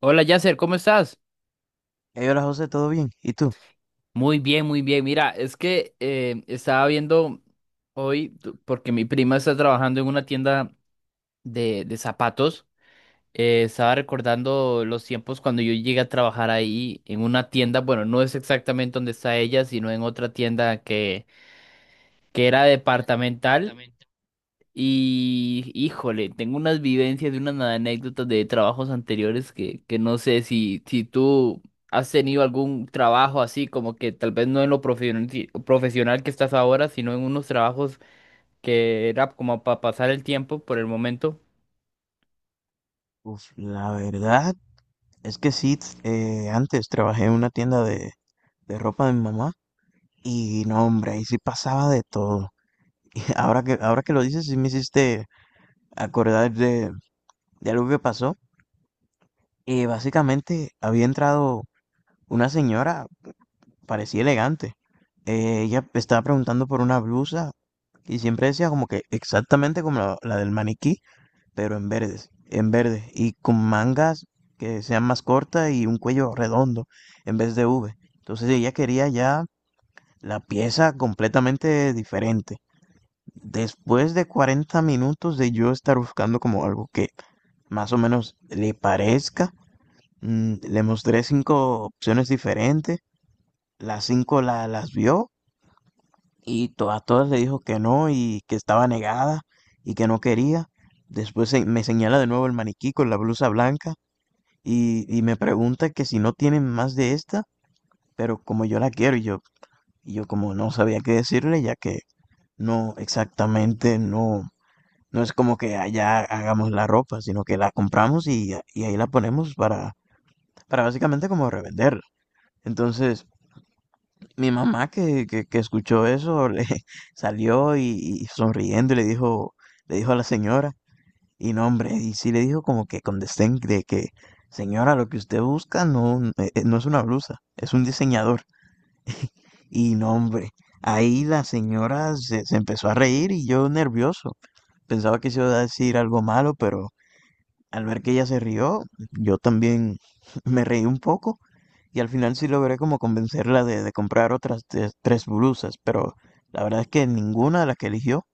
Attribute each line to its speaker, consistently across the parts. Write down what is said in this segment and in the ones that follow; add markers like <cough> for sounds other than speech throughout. Speaker 1: Hola, Yasser, ¿cómo estás?
Speaker 2: Hey, hola José, ¿todo bien? ¿Y tú?
Speaker 1: Muy bien, muy bien. Mira, es que estaba viendo hoy, porque mi prima está trabajando en una tienda de zapatos. Estaba recordando los tiempos cuando yo llegué a trabajar ahí en una tienda. Bueno, no es exactamente donde está ella, sino en otra tienda que era departamental. Y híjole, tengo unas vivencias y unas anécdotas de trabajos anteriores que no sé si tú has tenido algún trabajo así, como que tal vez no en lo profesional profesional que estás ahora, sino en unos trabajos que era como para pasar el tiempo por el momento.
Speaker 2: Uf, la verdad es que sí, antes trabajé en una tienda de ropa de mi mamá y no, hombre, ahí sí pasaba de todo. <laughs> Y ahora que lo dices, sí me hiciste acordar de algo que pasó. Básicamente había entrado una señora, parecía elegante. Ella estaba preguntando por una blusa y siempre decía como que exactamente como la del maniquí. Pero en verde, y con mangas que sean más cortas y un cuello redondo en vez de V. Entonces ella quería ya la pieza completamente diferente. Después de 40 minutos de yo estar buscando como algo que más o menos le parezca, le mostré cinco opciones diferentes, las cinco las vio y a todas le dijo que no y que estaba negada y que no quería. Después me señala de nuevo el maniquí con la blusa blanca y me pregunta que si no tienen más de esta, pero como yo la quiero y yo como no sabía qué decirle, ya que no exactamente, no, no es como que allá hagamos la ropa, sino que la compramos y ahí la ponemos para básicamente como revenderla. Entonces, mi mamá que escuchó eso, le <laughs> salió y sonriendo y le dijo a la señora, y no, hombre, y sí le dijo como que con desdén de que, señora, lo que usted busca no, no es una blusa, es un diseñador. Y no, hombre, ahí la señora se empezó a reír y yo nervioso. Pensaba que se iba a decir algo malo, pero al ver que ella se rió, yo también <laughs> me reí un poco y al final sí logré como convencerla de comprar otras tres blusas, pero la verdad es que ninguna de las que eligió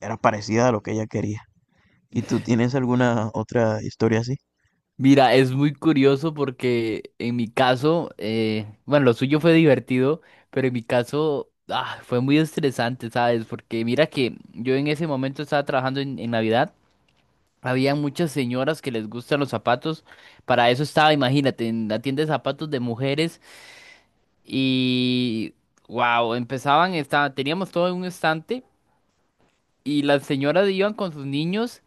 Speaker 2: era parecida a lo que ella quería. ¿Y tú tienes alguna otra historia así?
Speaker 1: Mira, es muy curioso porque en mi caso, bueno, lo suyo fue divertido, pero en mi caso ah, fue muy estresante, ¿sabes? Porque mira que yo en ese momento estaba trabajando en Navidad. Había muchas señoras que les gustan los zapatos. Para eso estaba, imagínate, en la tienda de zapatos de mujeres. Y wow, empezaban, estaba, teníamos todo en un estante. Y las señoras iban con sus niños.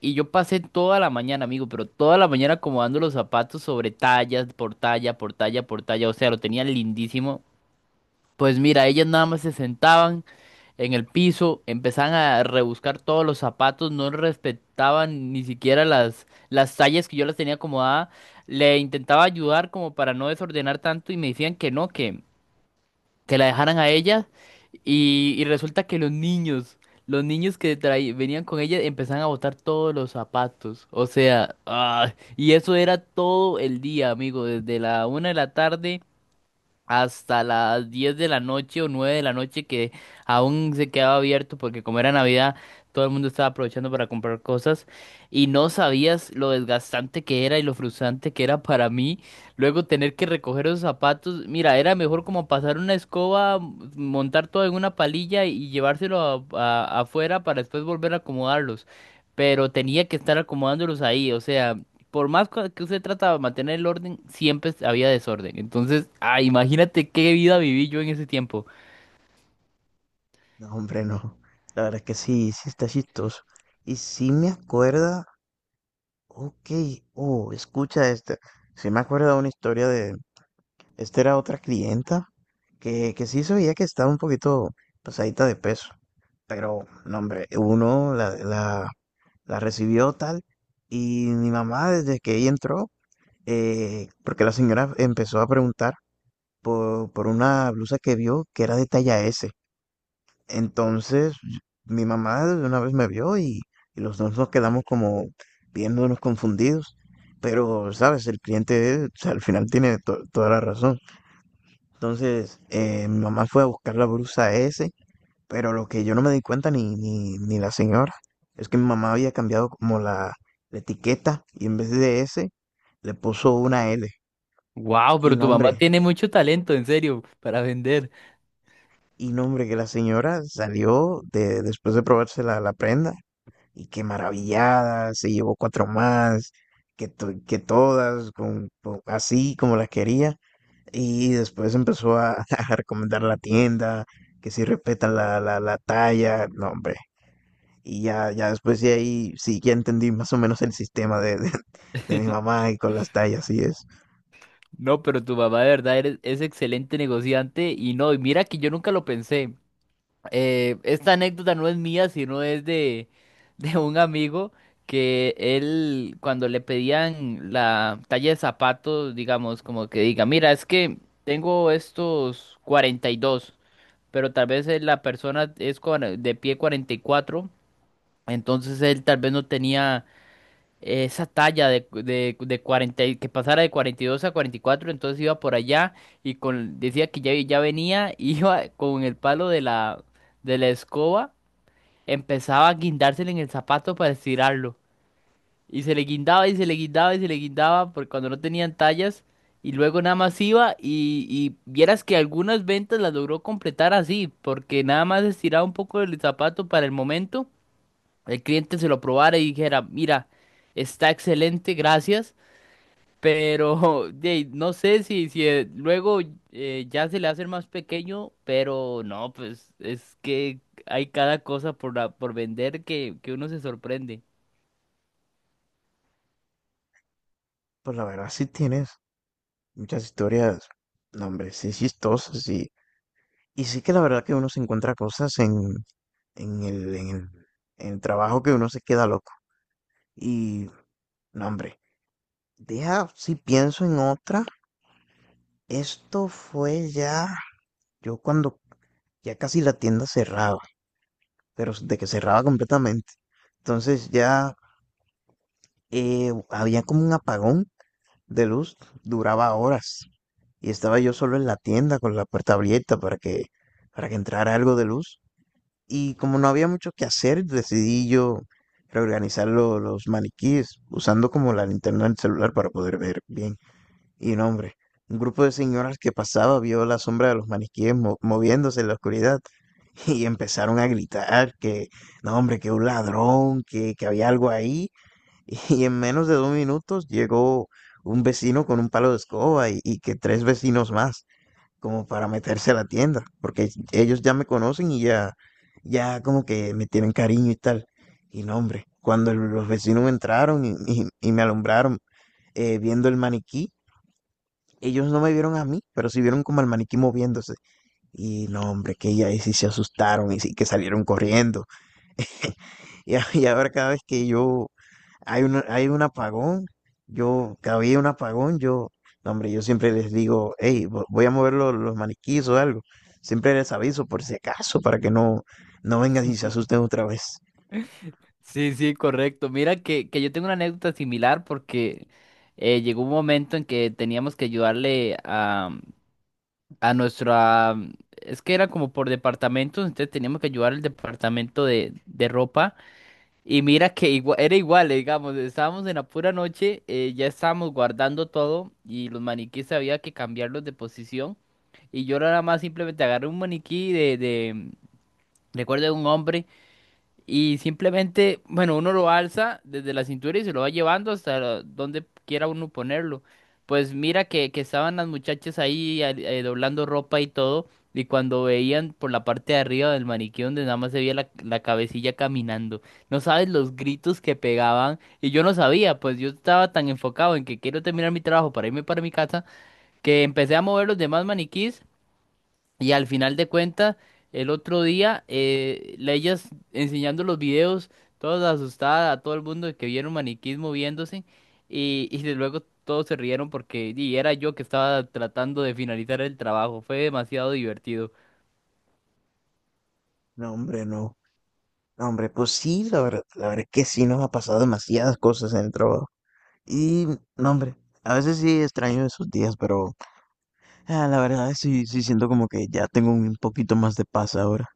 Speaker 1: Y yo pasé toda la mañana, amigo, pero toda la mañana acomodando los zapatos sobre tallas, por talla, por talla, por talla. O sea, lo tenía lindísimo. Pues mira, ellas nada más se sentaban en el piso, empezaban a rebuscar todos los zapatos, no respetaban ni siquiera las tallas que yo las tenía acomodada. Le intentaba ayudar como para no desordenar tanto y me decían que no, que la dejaran a ella. Y resulta que los niños que venían con ella empezaban a botar todos los zapatos. O sea, ah, y eso era todo el día, amigo, desde la 1 de la tarde hasta las 10 de la noche o 9 de la noche que aún se quedaba abierto porque como era Navidad todo el mundo estaba aprovechando para comprar cosas y no sabías lo desgastante que era y lo frustrante que era para mí luego tener que recoger esos zapatos. Mira, era mejor como pasar una escoba, montar todo en una palilla y llevárselo afuera para después volver a acomodarlos. Pero tenía que estar acomodándolos ahí, o sea, por más que usted trata de mantener el orden, siempre había desorden. Entonces, ah, imagínate qué vida viví yo en ese tiempo.
Speaker 2: No, hombre, no. La verdad es que sí, sí está chistoso. Y sí me acuerda, ok, oh, escucha este. Sí me acuerda de una historia esta era otra clienta que sí se veía que estaba un poquito pasadita de peso, pero no, hombre, uno la recibió tal y mi mamá desde que ella entró, porque la señora empezó a preguntar por una blusa que vio que era de talla S. Entonces mi mamá de una vez me vio y los dos nos quedamos como viéndonos confundidos, pero sabes, el cliente o sea, al final tiene toda la razón. Entonces, mi mamá fue a buscar la blusa S, pero lo que yo no me di cuenta ni la señora es que mi mamá había cambiado como la etiqueta y en vez de S le puso una L.
Speaker 1: Wow,
Speaker 2: Y
Speaker 1: pero tu mamá
Speaker 2: nombre,
Speaker 1: tiene mucho talento, en serio, para vender.
Speaker 2: y nombre que la señora salió después de probarse la prenda y que maravillada, se llevó cuatro más, que, que todas, así como las quería. Y después empezó <laughs> a recomendar la tienda, que si respeta la talla, no, hombre. Y ya después de ahí, sí, ya entendí más o menos el sistema <laughs> de mi
Speaker 1: <laughs>
Speaker 2: mamá y con las tallas, y es.
Speaker 1: No, pero tu mamá de verdad es excelente negociante y no, y mira que yo nunca lo pensé. Esta anécdota no es mía, sino es de un amigo que él, cuando le pedían la talla de zapatos, digamos, como que diga, mira, es que tengo estos 42. Pero tal vez la persona es de pie 44. Entonces él tal vez no tenía esa talla de 40, que pasara de 42 a 44. Entonces iba por allá y con, decía que ya, ya venía, <laughs> iba con el palo de la escoba, empezaba a guindársele en el zapato para estirarlo. Y se le guindaba y se le guindaba y se le guindaba por cuando no tenían tallas. Y luego nada más iba y vieras que algunas ventas las logró completar así, porque nada más estiraba un poco el zapato para el momento, el cliente se lo probara y dijera, mira, está excelente, gracias, pero <laughs> de, no sé si, si luego ya se le hace el más pequeño, pero no, pues es que hay cada cosa por, por vender que uno se sorprende.
Speaker 2: Pues la verdad, sí tienes muchas historias, no, hombre, sí chistosas, y sí que la verdad que uno se encuentra cosas en el, en el, en el trabajo que uno se queda loco. Y, no, hombre, deja, si pienso en otra, esto fue ya, yo cuando ya casi la tienda cerraba, pero de que cerraba completamente. Entonces ya había como un apagón de luz, duraba horas. Y estaba yo solo en la tienda con la puerta abierta para que entrara algo de luz. Y como no había mucho que hacer, decidí yo reorganizar los maniquíes usando como la linterna del celular para poder ver bien. Y no, hombre, un grupo de señoras que pasaba vio la sombra de los maniquíes moviéndose en la oscuridad <laughs> y empezaron a gritar que, no, hombre, que un ladrón, que había algo ahí. <laughs> Y en menos de 2 minutos llegó un vecino con un palo de escoba y que tres vecinos más como para meterse a la tienda, porque ellos ya me conocen y ya como que me tienen cariño y tal. Y no, hombre, cuando los vecinos entraron y me alumbraron viendo el maniquí, ellos no me vieron a mí, pero sí vieron como el maniquí moviéndose. Y no, hombre, que ya ahí sí se asustaron y sí que salieron corriendo. Y, <laughs> y ahora cada vez que yo hay un, apagón, yo, cada vez hay un apagón, yo, no, hombre, yo siempre les digo, hey, voy a mover los maniquíes o algo. Siempre les aviso por si acaso, para que no vengan y se asusten otra vez.
Speaker 1: Sí, sí, correcto. Mira que yo tengo una anécdota similar porque llegó un momento en que teníamos que ayudarle a, mm, a nuestra... mm, es que era como por departamentos, entonces teníamos que ayudar al departamento de ropa. Y mira que era igual, digamos, estábamos en la pura noche, ya estábamos guardando todo y los maniquíes había que cambiarlos de posición. Y yo nada más simplemente agarré un maniquí de... mm, recuerdo de un hombre. Y simplemente, bueno, uno lo alza desde la cintura y se lo va llevando hasta donde quiera uno ponerlo. Pues mira que estaban las muchachas ahí doblando ropa y todo, y cuando veían por la parte de arriba del maniquí donde nada más se veía la cabecilla caminando, no sabes los gritos que pegaban, y yo no sabía, pues yo estaba tan enfocado en que quiero terminar mi trabajo para irme para mi casa, que empecé a mover los demás maniquís y al final de cuentas, el otro día, ellas enseñando los videos, todas asustadas, a todo el mundo de que vieron maniquís moviéndose, y de luego todos se rieron porque y era yo que estaba tratando de finalizar el trabajo. Fue demasiado divertido.
Speaker 2: No, hombre, no. No, hombre, pues sí, la verdad es que sí nos ha pasado demasiadas cosas en el trabajo. Y, no, hombre, a veces sí extraño esos días, pero la verdad sí, sí siento como que ya tengo un poquito más de paz ahora.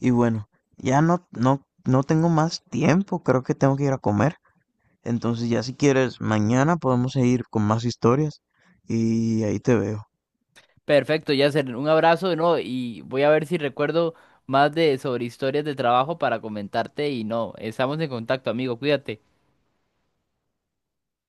Speaker 2: Y bueno, ya no tengo más tiempo, creo que tengo que ir a comer. Entonces ya si quieres, mañana podemos seguir con más historias y ahí te veo.
Speaker 1: Perfecto, Yasser, un abrazo de nuevo y voy a ver si recuerdo más de sobre historias de trabajo para comentarte y no, estamos en contacto, amigo, cuídate.